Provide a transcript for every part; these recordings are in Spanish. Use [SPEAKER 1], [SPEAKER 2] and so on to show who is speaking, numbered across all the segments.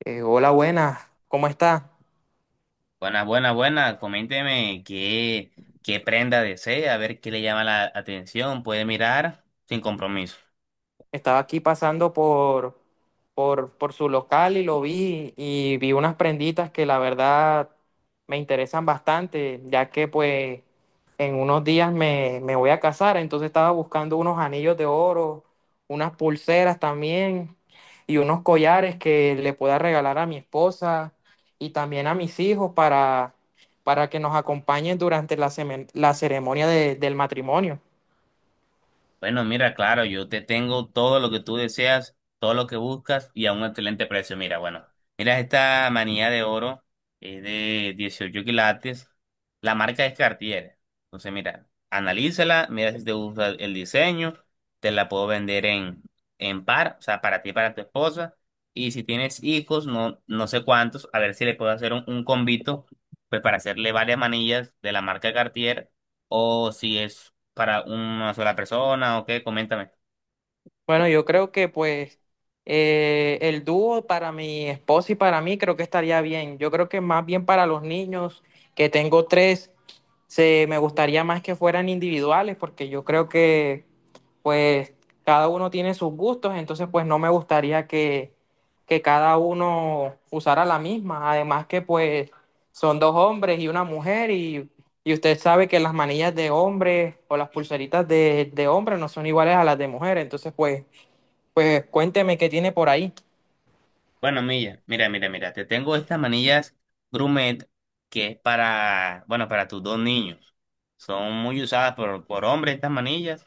[SPEAKER 1] Hola, buenas, ¿cómo está?
[SPEAKER 2] Buenas, buenas, buenas. Coménteme qué prenda desea, a ver qué le llama la atención. Puede mirar sin compromiso.
[SPEAKER 1] Estaba aquí pasando por su local y lo vi y vi unas prenditas que la verdad me interesan bastante, ya que pues en unos días me voy a casar. Entonces estaba buscando unos anillos de oro, unas pulseras también y unos collares que le pueda regalar a mi esposa y también a mis hijos para que nos acompañen durante la ceremonia del matrimonio.
[SPEAKER 2] Bueno, mira, claro, yo te tengo todo lo que tú deseas, todo lo que buscas y a un excelente precio. Mira, bueno, mira esta manilla de oro, es de 18 quilates, la marca es Cartier. Entonces, mira, analízala, mira si te gusta el diseño, te la puedo vender en par, o sea, para ti y para tu esposa. Y si tienes hijos, no, no sé cuántos, a ver si le puedo hacer un convito, pues para hacerle varias manillas de la marca Cartier, ¿o si es para una sola persona o qué? Coméntame.
[SPEAKER 1] Bueno, yo creo que pues el dúo para mi esposa y para mí creo que estaría bien. Yo creo que más bien para los niños, que tengo tres, se me gustaría más que fueran individuales, porque yo creo que pues cada uno tiene sus gustos. Entonces pues no me gustaría que cada uno usara la misma. Además que pues son dos hombres y una mujer y usted sabe que las manillas de hombres o las pulseritas de hombres no son iguales a las de mujeres. Entonces, pues cuénteme qué tiene por ahí.
[SPEAKER 2] Bueno, Milla, mira, mira, mira, te tengo estas manillas Grumet que es para, bueno, para tus dos niños. Son muy usadas por hombres estas manillas.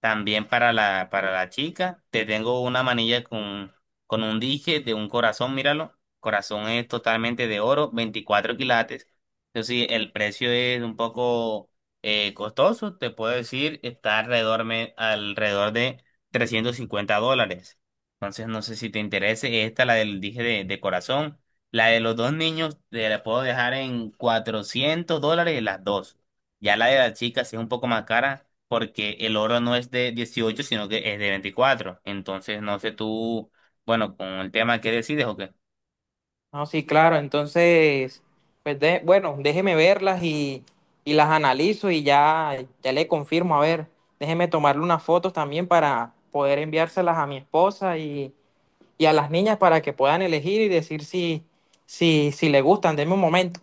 [SPEAKER 2] También para la chica, te tengo una manilla con un dije de un corazón, míralo. Corazón es totalmente de oro, 24 quilates. Eso sí, el precio es un poco costoso, te puedo decir, está alrededor de $350. Entonces, no sé si te interese. Esta, la del dije de corazón. La de los dos niños, te la puedo dejar en $400 las dos. Ya la de la chica sí es un poco más cara porque el oro no es de 18 sino que es de 24. Entonces, no sé tú, bueno, con el tema que decides o qué.
[SPEAKER 1] No, sí, claro. Entonces, pues bueno, déjeme verlas y las analizo y ya le confirmo. A ver, déjeme tomarle unas fotos también para poder enviárselas a mi esposa y a las niñas para que puedan elegir y decir si le gustan. Denme un momento.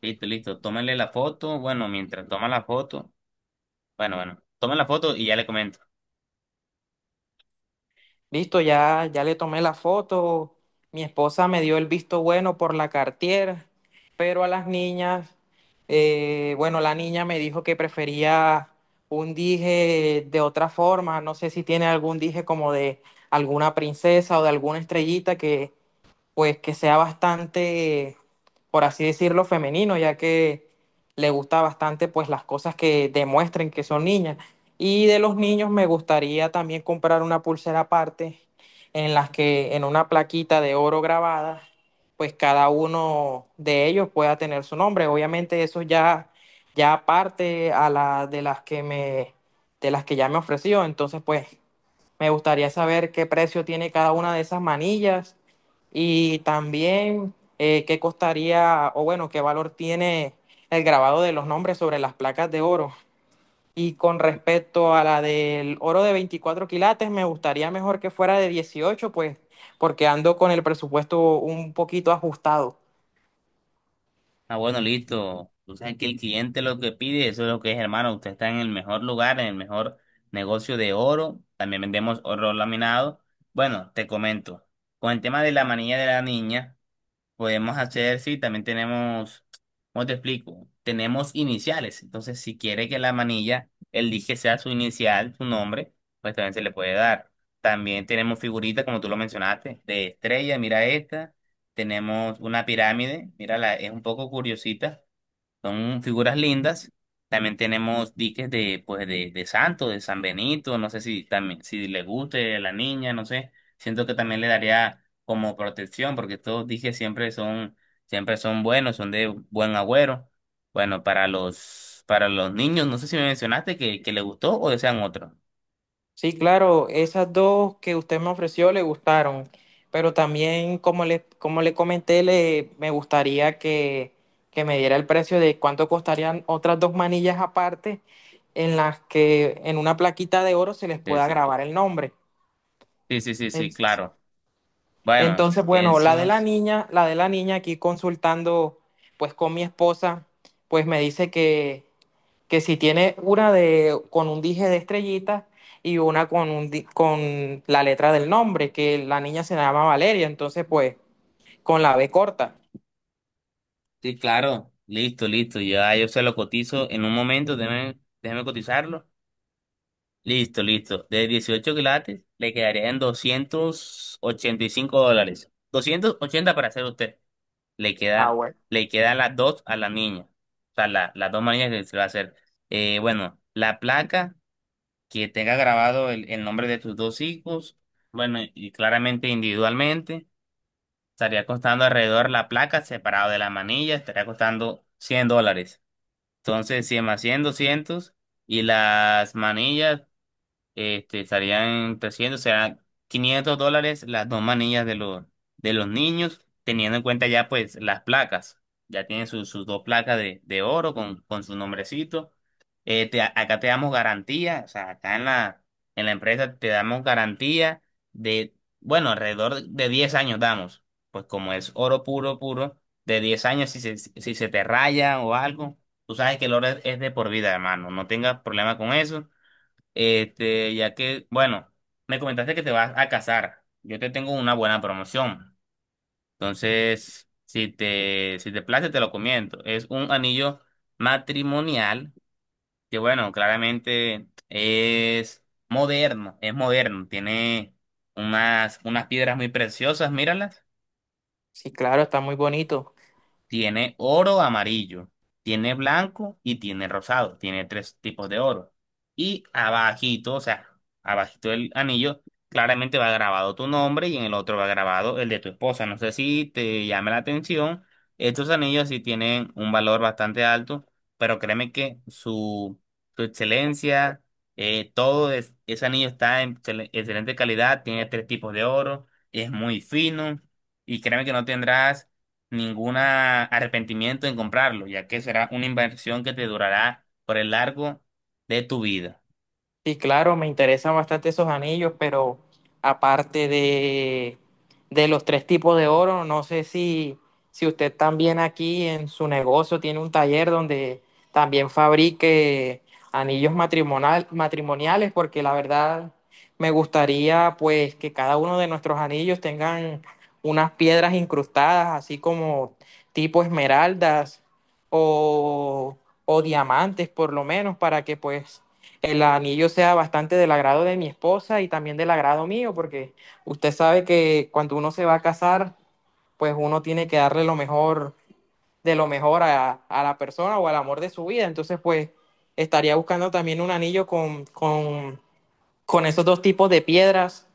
[SPEAKER 2] Listo, listo. Tómale la foto. Bueno, mientras toma la foto. Bueno, bueno. Toma la foto y ya le comento.
[SPEAKER 1] Listo, ya le tomé la foto. Mi esposa me dio el visto bueno por la Cartier, pero a las niñas, bueno, la niña me dijo que prefería un dije de otra forma. No sé si tiene algún dije como de alguna princesa o de alguna estrellita que, pues que sea bastante, por así decirlo, femenino, ya que le gusta bastante pues las cosas que demuestren que son niñas. Y de los niños me gustaría también comprar una pulsera aparte en las que en una plaquita de oro grabada, pues cada uno de ellos pueda tener su nombre. Obviamente eso ya aparte a la de las que me de las que ya me ofreció. Entonces pues me gustaría saber qué precio tiene cada una de esas manillas y también qué costaría o bueno, qué valor tiene el grabado de los nombres sobre las placas de oro. Y con respecto a la del oro de 24 quilates, me gustaría mejor que fuera de 18, pues porque ando con el presupuesto un poquito ajustado.
[SPEAKER 2] Ah, bueno, listo. Tú sabes que el cliente lo que pide, eso es lo que es, hermano. Usted está en el mejor lugar, en el mejor negocio de oro. También vendemos oro laminado. Bueno, te comento. Con el tema de la manilla de la niña. Podemos hacer, sí, también tenemos, ¿cómo te explico? Tenemos iniciales. Entonces, si quiere que la manilla, el dije sea su inicial, su nombre, pues también se le puede dar. También tenemos figuritas, como tú lo mencionaste, de estrella, mira esta. Tenemos una pirámide, mírala, es un poco curiosita. Son figuras lindas. También tenemos diques de, pues, de Santo, de San Benito. No sé si también, si le guste a la niña, no sé. Siento que también le daría como protección, porque estos diques siempre son buenos, son de buen agüero. Bueno, para los niños, no sé si me mencionaste que le gustó o desean otro.
[SPEAKER 1] Sí, claro, esas dos que usted me ofreció le gustaron, pero también como le comenté, me gustaría que me diera el precio de cuánto costarían otras dos manillas aparte en las que en una plaquita de oro se les
[SPEAKER 2] Sí,
[SPEAKER 1] pueda
[SPEAKER 2] sí.
[SPEAKER 1] grabar el nombre.
[SPEAKER 2] Sí, sí, sí, sí,
[SPEAKER 1] Es-
[SPEAKER 2] claro. Bueno,
[SPEAKER 1] Entonces, bueno, la de
[SPEAKER 2] eso.
[SPEAKER 1] la niña, la de la niña aquí consultando pues con mi esposa, pues me dice que si tiene una de, con un dije de estrellitas y una con la letra del nombre, que la niña se llama Valeria. Entonces pues con la B corta.
[SPEAKER 2] Sí, claro. Listo, listo. Ya yo se lo cotizo en un momento. Déjeme cotizarlo. Listo, listo. De 18 quilates le quedarían $285. 280 para hacer usted. Le
[SPEAKER 1] Ah,
[SPEAKER 2] queda,
[SPEAKER 1] bueno.
[SPEAKER 2] le quedan las dos a la niña. O sea, las dos niñas que se va a hacer. Bueno, la placa que tenga grabado el nombre de tus dos hijos. Bueno, y claramente individualmente. Estaría costando alrededor la placa separado de la manilla. Estaría costando $100. Entonces, 100 más 100, 200. Y las manillas. Este, estarían presionando, o sea, $500 las dos manillas de los niños, teniendo en cuenta ya pues las placas. Ya tienen sus dos placas de oro con su nombrecito. Acá te damos garantía, o sea, acá en la empresa te damos garantía de, bueno, alrededor de 10 años damos. Pues como es oro puro, puro, de 10 años si se te raya o algo, tú sabes que el oro es de por vida, hermano. No tengas problema con eso. Este, ya que, bueno, me comentaste que te vas a casar. Yo te tengo una buena promoción. Entonces, si te place, te lo comento. Es un anillo matrimonial que, bueno, claramente es moderno, es moderno. Tiene unas piedras muy preciosas, míralas.
[SPEAKER 1] Sí, claro, está muy bonito.
[SPEAKER 2] Tiene oro amarillo, tiene blanco y tiene rosado. Tiene tres tipos de oro. Y abajito, o sea, abajito del anillo, claramente va grabado tu nombre y en el otro va grabado el de tu esposa. No sé si te llama la atención. Estos anillos sí tienen un valor bastante alto, pero créeme que su excelencia, ese anillo está en excelente calidad, tiene tres tipos de oro, es muy fino y créeme que no tendrás ningún arrepentimiento en comprarlo, ya que será una inversión que te durará por el largo de tu vida.
[SPEAKER 1] Sí, claro, me interesan bastante esos anillos, pero aparte de los tres tipos de oro, no sé si usted también aquí en su negocio tiene un taller donde también fabrique anillos matrimoniales, porque la verdad me gustaría pues que cada uno de nuestros anillos tengan unas piedras incrustadas, así como tipo esmeraldas o, o diamantes por lo menos, para que pues el anillo sea bastante del agrado de mi esposa y también del agrado mío, porque usted sabe que cuando uno se va a casar, pues uno tiene que darle lo mejor de lo mejor a la persona o al amor de su vida. Entonces, pues estaría buscando también un anillo con esos dos tipos de piedras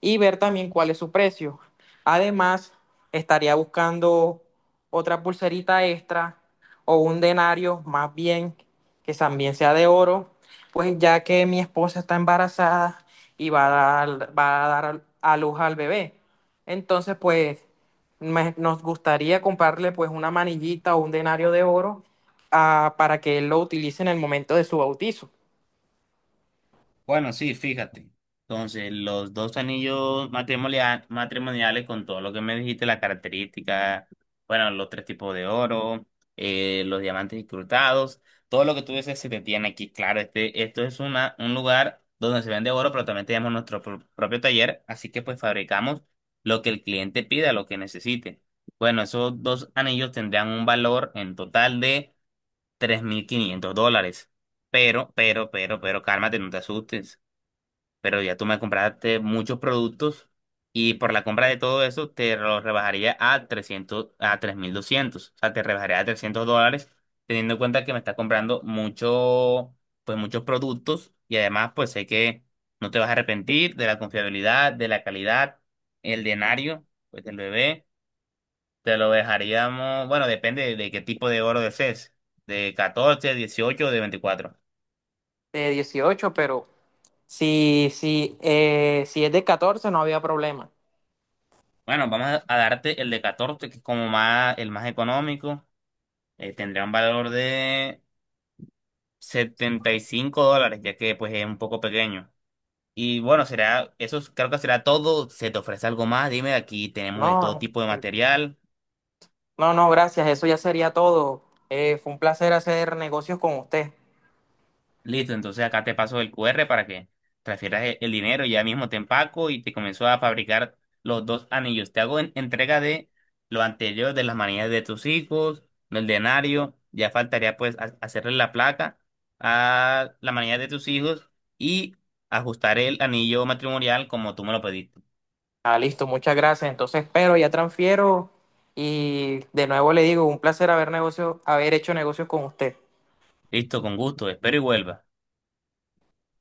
[SPEAKER 1] y ver también cuál es su precio. Además, estaría buscando otra pulserita extra o un denario más bien que también sea de oro, pues ya que mi esposa está embarazada y dar a luz al bebé. Entonces, pues nos gustaría comprarle pues una manillita o un denario de oro, para que él lo utilice en el momento de su bautizo.
[SPEAKER 2] Bueno, sí, fíjate. Entonces, los dos anillos matrimoniales con todo lo que me dijiste, las características, bueno, los tres tipos de oro, los diamantes incrustados, todo lo que tú dices se te tiene aquí. Claro, esto es un lugar donde se vende oro, pero también tenemos nuestro propio taller, así que pues fabricamos lo que el cliente pida, lo que necesite. Bueno, esos dos anillos tendrán un valor en total de $3,500. Pero, cálmate, no te asustes, pero ya tú me compraste muchos productos y por la compra de todo eso te lo rebajaría a 300 a 3,200, o sea, te rebajaría a $300, teniendo en cuenta que me estás comprando mucho, pues muchos productos y además pues sé que no te vas a arrepentir de la confiabilidad, de la calidad, el denario, pues del bebé, te lo dejaríamos, bueno, depende de qué tipo de oro desees, de 14, 18 o de 24.
[SPEAKER 1] De 18, pero si es de 14, no había problema.
[SPEAKER 2] Bueno, vamos a darte el de 14 que es como más, el más económico. Tendría un valor de $75, ya que pues es un poco pequeño. Y bueno, creo que será todo. Se te ofrece algo más, dime, aquí tenemos de todo
[SPEAKER 1] No,
[SPEAKER 2] tipo de
[SPEAKER 1] eh,
[SPEAKER 2] material.
[SPEAKER 1] no, no, gracias. Eso ya sería todo. Fue un placer hacer negocios con usted.
[SPEAKER 2] Listo, entonces acá te paso el QR para que transfieras el dinero ya mismo te empaco y te comenzó a fabricar los dos anillos. Te hago entrega de lo anterior, de las manillas de tus hijos, del denario. Ya faltaría pues hacerle la placa a la manilla de tus hijos y ajustar el anillo matrimonial como tú me lo pediste.
[SPEAKER 1] Ah, listo, muchas gracias. Entonces, pero ya transfiero y de nuevo le digo, un placer haber hecho negocios con usted.
[SPEAKER 2] Listo, con gusto. Espero y vuelva.